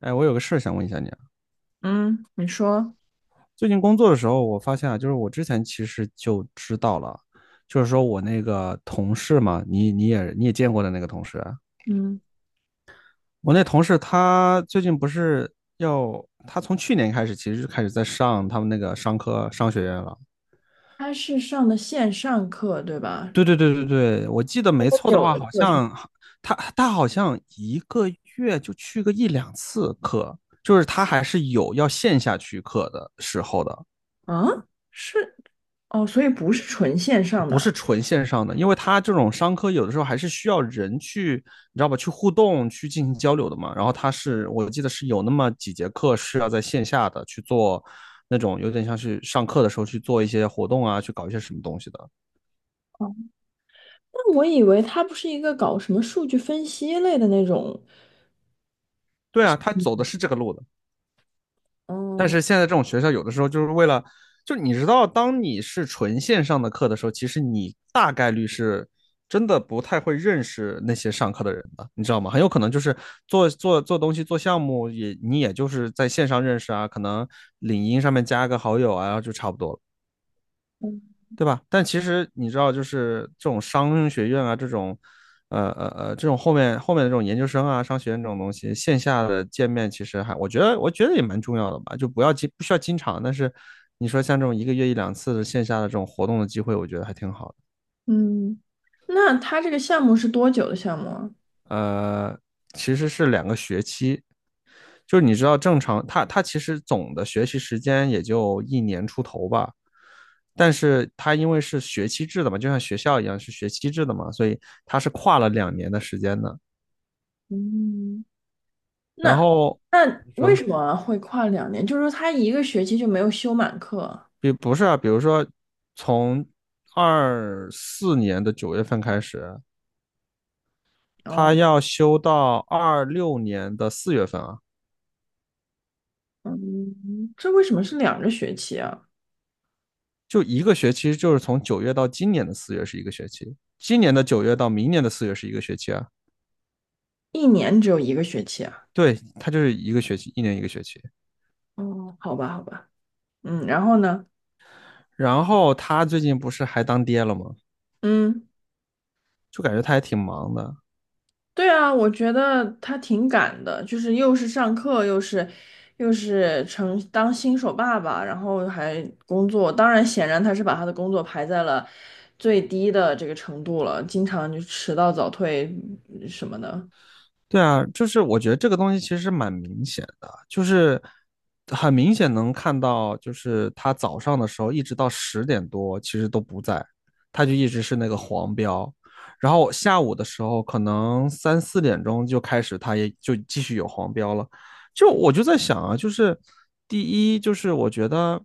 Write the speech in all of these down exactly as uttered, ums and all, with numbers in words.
哎，我有个事儿想问一下你啊。嗯，你说。最近工作的时候，我发现啊，就是我之前其实就知道了，就是说我那个同事嘛，你你也你也见过的那个同事啊。嗯，我那同事他最近不是要，他从去年开始其实就开始在上他们那个商科商学院了。他是上的线上课，对吧？对对对对对，我记得没多错的久话，的好课程像他他好像一个月就去个一两次课，就是他还是有要线下去课的时候的。啊？是，哦，所以不是纯线上不是的。纯线上的，因为它这种商科有的时候还是需要人去，你知道吧，去互动、去进行交流的嘛。然后它是我记得是有那么几节课是要在线下的去做那种有点像是上课的时候去做一些活动啊，去搞一些什么东西的。哦，那我以为他不是一个搞什么数据分析类的那种。对啊，他走的是这个路的。但哦。是现在这种学校有的时候就是为了，就你知道，当你是纯线上的课的时候，其实你大概率是真的不太会认识那些上课的人的，你知道吗？很有可能就是做做做东西、做项目也，你也就是在线上认识啊，可能领英上面加个好友啊，就差不多了。对吧？但其实你知道，就是这种商学院啊，这种，呃呃呃，这种后面后面的这种研究生啊，商学院这种东西，线下的见面其实还，我觉得我觉得也蛮重要的吧，就不要经不需要经常，但是你说像这种一个月一两次的线下的这种活动的机会，我觉得还挺好的。嗯，那他这个项目是多久的项目啊？呃，其实是两个学期，就是你知道正常，他他其实总的学习时间也就一年出头吧，但是他因为是学期制的嘛，就像学校一样是学期制的嘛，所以他是跨了两年的时间的。嗯，然那后那你为说，什么会跨两年？就是说他一个学期就没有修满课啊。比不是啊，比如说从二四年的九月份开始，哦。他要修到二六年的四月份啊。嗯，这为什么是两个学期啊？就一个学期，就是从九月到今年的四月是一个学期，今年的九月到明年的四月是一个学期啊。一年只有一个学期啊？对，他就是一个学期，一年一个学期。哦，好吧，好吧。嗯，然后呢？然后他最近不是还当爹了吗？嗯，就感觉他还挺忙的。对啊，我觉得他挺赶的，就是又是上课，又是又是成当新手爸爸，然后还工作。当然，显然他是把他的工作排在了最低的这个程度了，经常就迟到早退嗯什么的。对啊，就是我觉得这个东西其实蛮明显的，就是很明显能看到，就是他早上的时候一直到十点多其实都不在，他就一直是那个黄标，然后下午的时候可能三四点钟就开始，他也就继续有黄标了。就我就在想啊，就是第一就是我觉得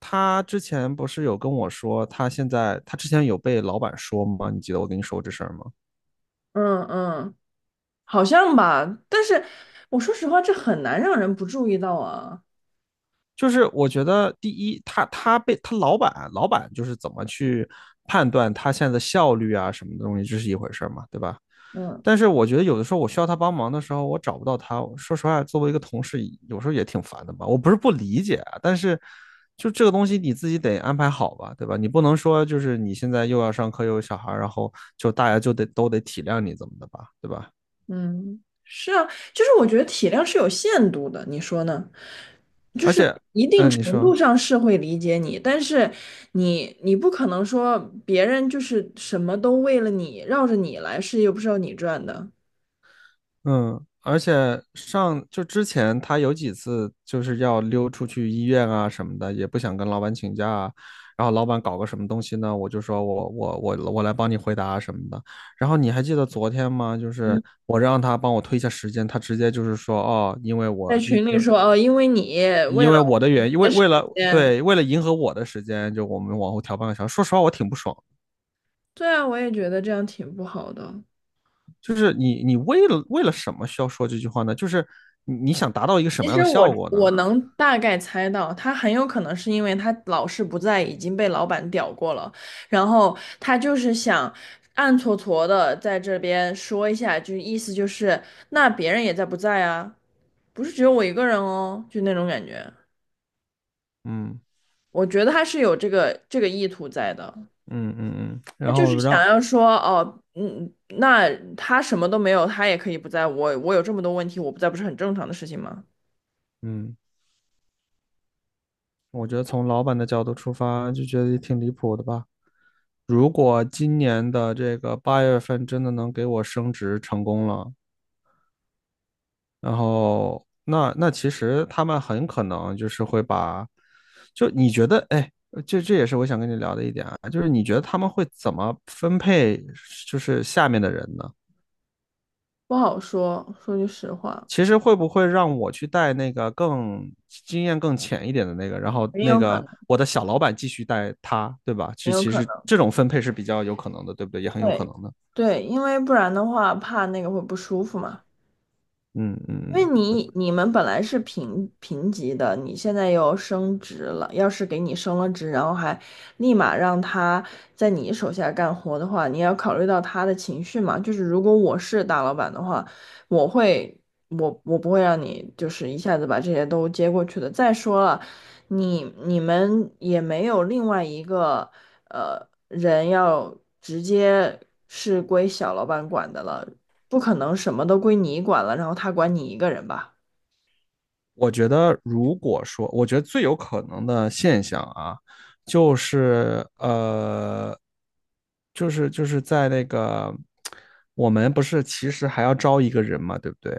他之前不是有跟我说，他现在他之前有被老板说吗？你记得我跟你说过这事儿吗？嗯嗯，好像吧，但是我说实话，这很难让人不注意到啊。就是我觉得第一，他他被他老板老板就是怎么去判断他现在的效率啊什么的东西，这是一回事嘛，对吧？嗯。但是我觉得有的时候我需要他帮忙的时候，我找不到他。说实话，作为一个同事，有时候也挺烦的吧。我不是不理解啊，但是就这个东西你自己得安排好吧，对吧？你不能说就是你现在又要上课又有小孩然后就大家就得都得体谅你怎么的吧，对吧？嗯，是啊，就是我觉得体谅是有限度的，你说呢？就而是且，一定嗯，你程度说，上是会理解你，但是你你不可能说别人就是什么都为了你绕着你来，是又不是要你赚的。嗯，而且上就之前他有几次就是要溜出去医院啊什么的，也不想跟老板请假啊。然后老板搞个什么东西呢，我就说我我我我来帮你回答什么的。然后你还记得昨天吗？就是嗯，我让他帮我推一下时间，他直接就是说哦，因为在我因群里因说哦，因为你为因了为我的我原因，为的时为了间。对为了迎合我的时间，就我们往后调半个小时。说实话，我挺不爽的。对啊，我也觉得这样挺不好的。就是你你为了为了什么需要说这句话呢？就是你你想达到一个什其么样实的我效果呢？我能大概猜到，他很有可能是因为他老是不在，已经被老板屌过了，然后他就是想暗搓搓的在这边说一下，就意思就是那别人也在不在啊，不是只有我一个人哦，就那种感觉。嗯。我觉得他是有这个这个意图在的，嗯嗯嗯，他然就是后想让，要说哦，嗯，那他什么都没有，他也可以不在，我我有这么多问题，我不在不是很正常的事情吗？嗯，我觉得从老板的角度出发，就觉得也挺离谱的吧。如果今年的这个八月份真的能给我升职成功了，然后那那其实他们很可能就是会把，就你觉得，哎，这这也是我想跟你聊的一点啊，就是你觉得他们会怎么分配，就是下面的人呢？不好说，说句实话，其实会不会让我去带那个更经验更浅一点的那个，然后很那有可个能。我的小老板继续带他，对吧？很其有其可实能。这种分配是比较有可能的，对不对？也很有可对能的。对，因为不然的话，怕那个会不舒服嘛。嗯嗯因嗯，为你你们本来是平平级的，你现在又升职了。要是给你升了职，然后还立马让他在你手下干活的话，你也要考虑到他的情绪嘛。就是如果我是大老板的话，我会我我不会让你就是一下子把这些都接过去的。再说了，你你们也没有另外一个呃人要直接是归小老板管的了。不可能什么都归你管了，然后他管你一个人吧？我觉得如果说，我觉得最有可能的现象啊，就是呃，就是就是在那个我们不是其实还要招一个人嘛，对不对？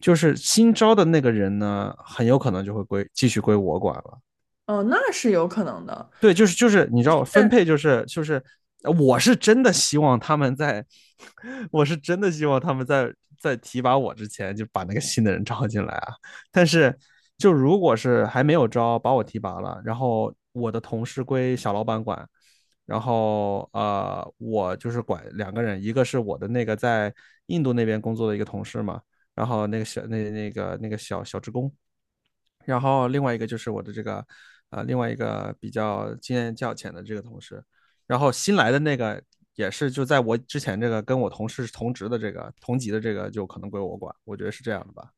就是新招的那个人呢，很有可能就会归继续归我管了。哦，那是有可能的。对，就是就是，你知道分是配就是就是，呃我是真的希望他们在，我是真的希望他们在在提拔我之前就把那个新的人招进来啊。但是就如果是还没有招，把我提拔了，然后我的同事归小老板管，然后呃，我就是管两个人，一个是我的那个在印度那边工作的一个同事嘛，然后那个小那那个那个小小职工，然后另外一个就是我的这个，呃，另外一个比较经验较浅的这个同事，然后新来的那个也是就在我之前这个跟我同事同职的这个同级的这个就可能归我管，我觉得是这样的吧。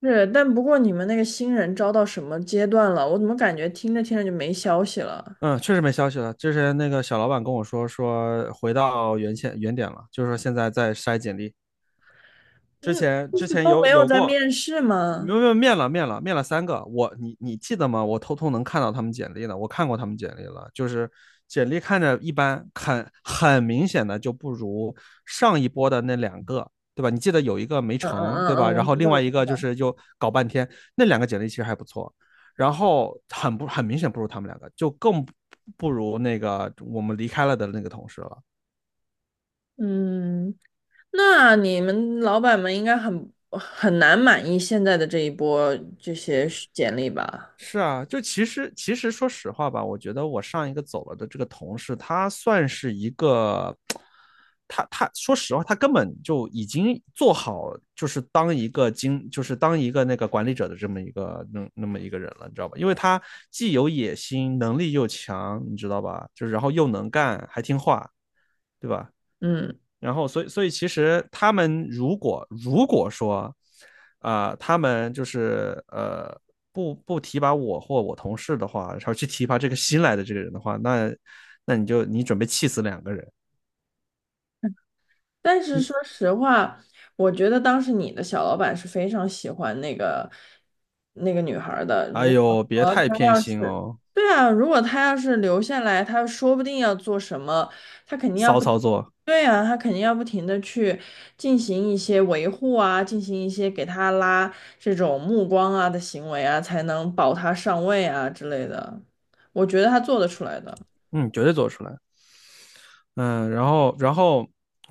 是，但不过你们那个新人招到什么阶段了？我怎么感觉听着听着就没消息了？嗯，确实没消息了。之前那个小老板跟我说说回到原先原点了，就是说现在在筛简历，之嗯，前就之是前都有没有有在过，面试没吗？有。没有面了面了面了三个。我你你记得吗？我偷偷能看到他们简历的，我看过他们简历了，就是简历看着一般，很很明显的就不如上一波的那两个，对吧？你记得有一个没嗯嗯成，对嗯吧？嗯，我然后知另道，我外一知个就道。是又搞半天，那两个简历其实还不错，然后很不很明显不如他们两个，就更不不如那个我们离开了的那个同事了。嗯，那你们老板们应该很很难满意现在的这一波这些简历吧？是啊，就其实其实说实话吧，我觉得我上一个走了的这个同事，他算是一个，他他说实话，他根本就已经做好，就是当一个经，就是当一个那个管理者的这么一个那那么一个人了，你知道吧？因为他既有野心，能力又强，你知道吧？就是然后又能干，还听话，对吧？嗯。然后，所以，所以其实他们如果如果说，啊、呃他们就是呃不不提拔我或我同事的话，然后去提拔这个新来的这个人的话，那那你就你准备气死两个人。但是说你实话，我觉得当时你的小老板是非常喜欢那个那个女孩儿的。哎如果呦，别说太她偏要心是，哦，对啊，如果她要是留下来，她说不定要做什么，她肯定要骚不，操作，对啊，她肯定要不停的去进行一些维护啊，进行一些给她拉这种目光啊的行为啊，才能保她上位啊之类的。我觉得她做得出来的。嗯，绝对做出来。嗯，然后然后，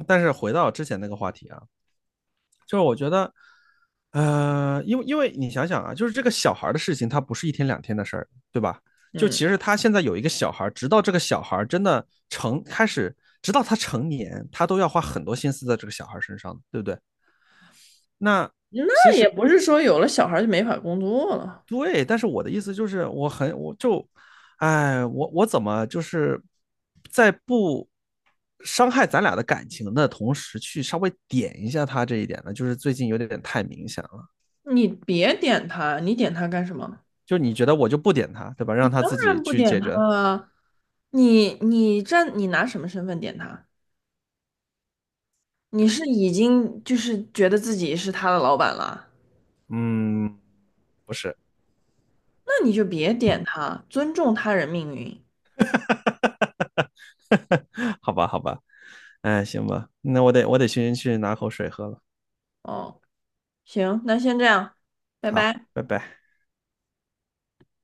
但是回到之前那个话题啊，就是我觉得，呃，因为因为你想想啊，就是这个小孩的事情，他不是一天两天的事儿，对吧？就嗯，其实他现在有一个小孩直到这个小孩真的成开始，直到他成年，他都要花很多心思在这个小孩身上，对不对？那其那也实不是说有了小孩儿就没法工作了。对，但是我的意思就是，我很我就，哎，我我怎么就是在不伤害咱俩的感情的同时，去稍微点一下他这一点呢？就是最近有点太明显了。你别点他，你点他干什么？就你觉得我就不点他，对吧？你让他当自己然不去点解他决。了。你你站，你拿什么身份点他？你是已经就是觉得自己是他的老板了，嗯，不是，那你就别点他，尊重他人命运。好吧，好吧，哎，行吧，那我得我得先去拿口水喝了。哦，行，那先这样，拜好，拜。拜拜。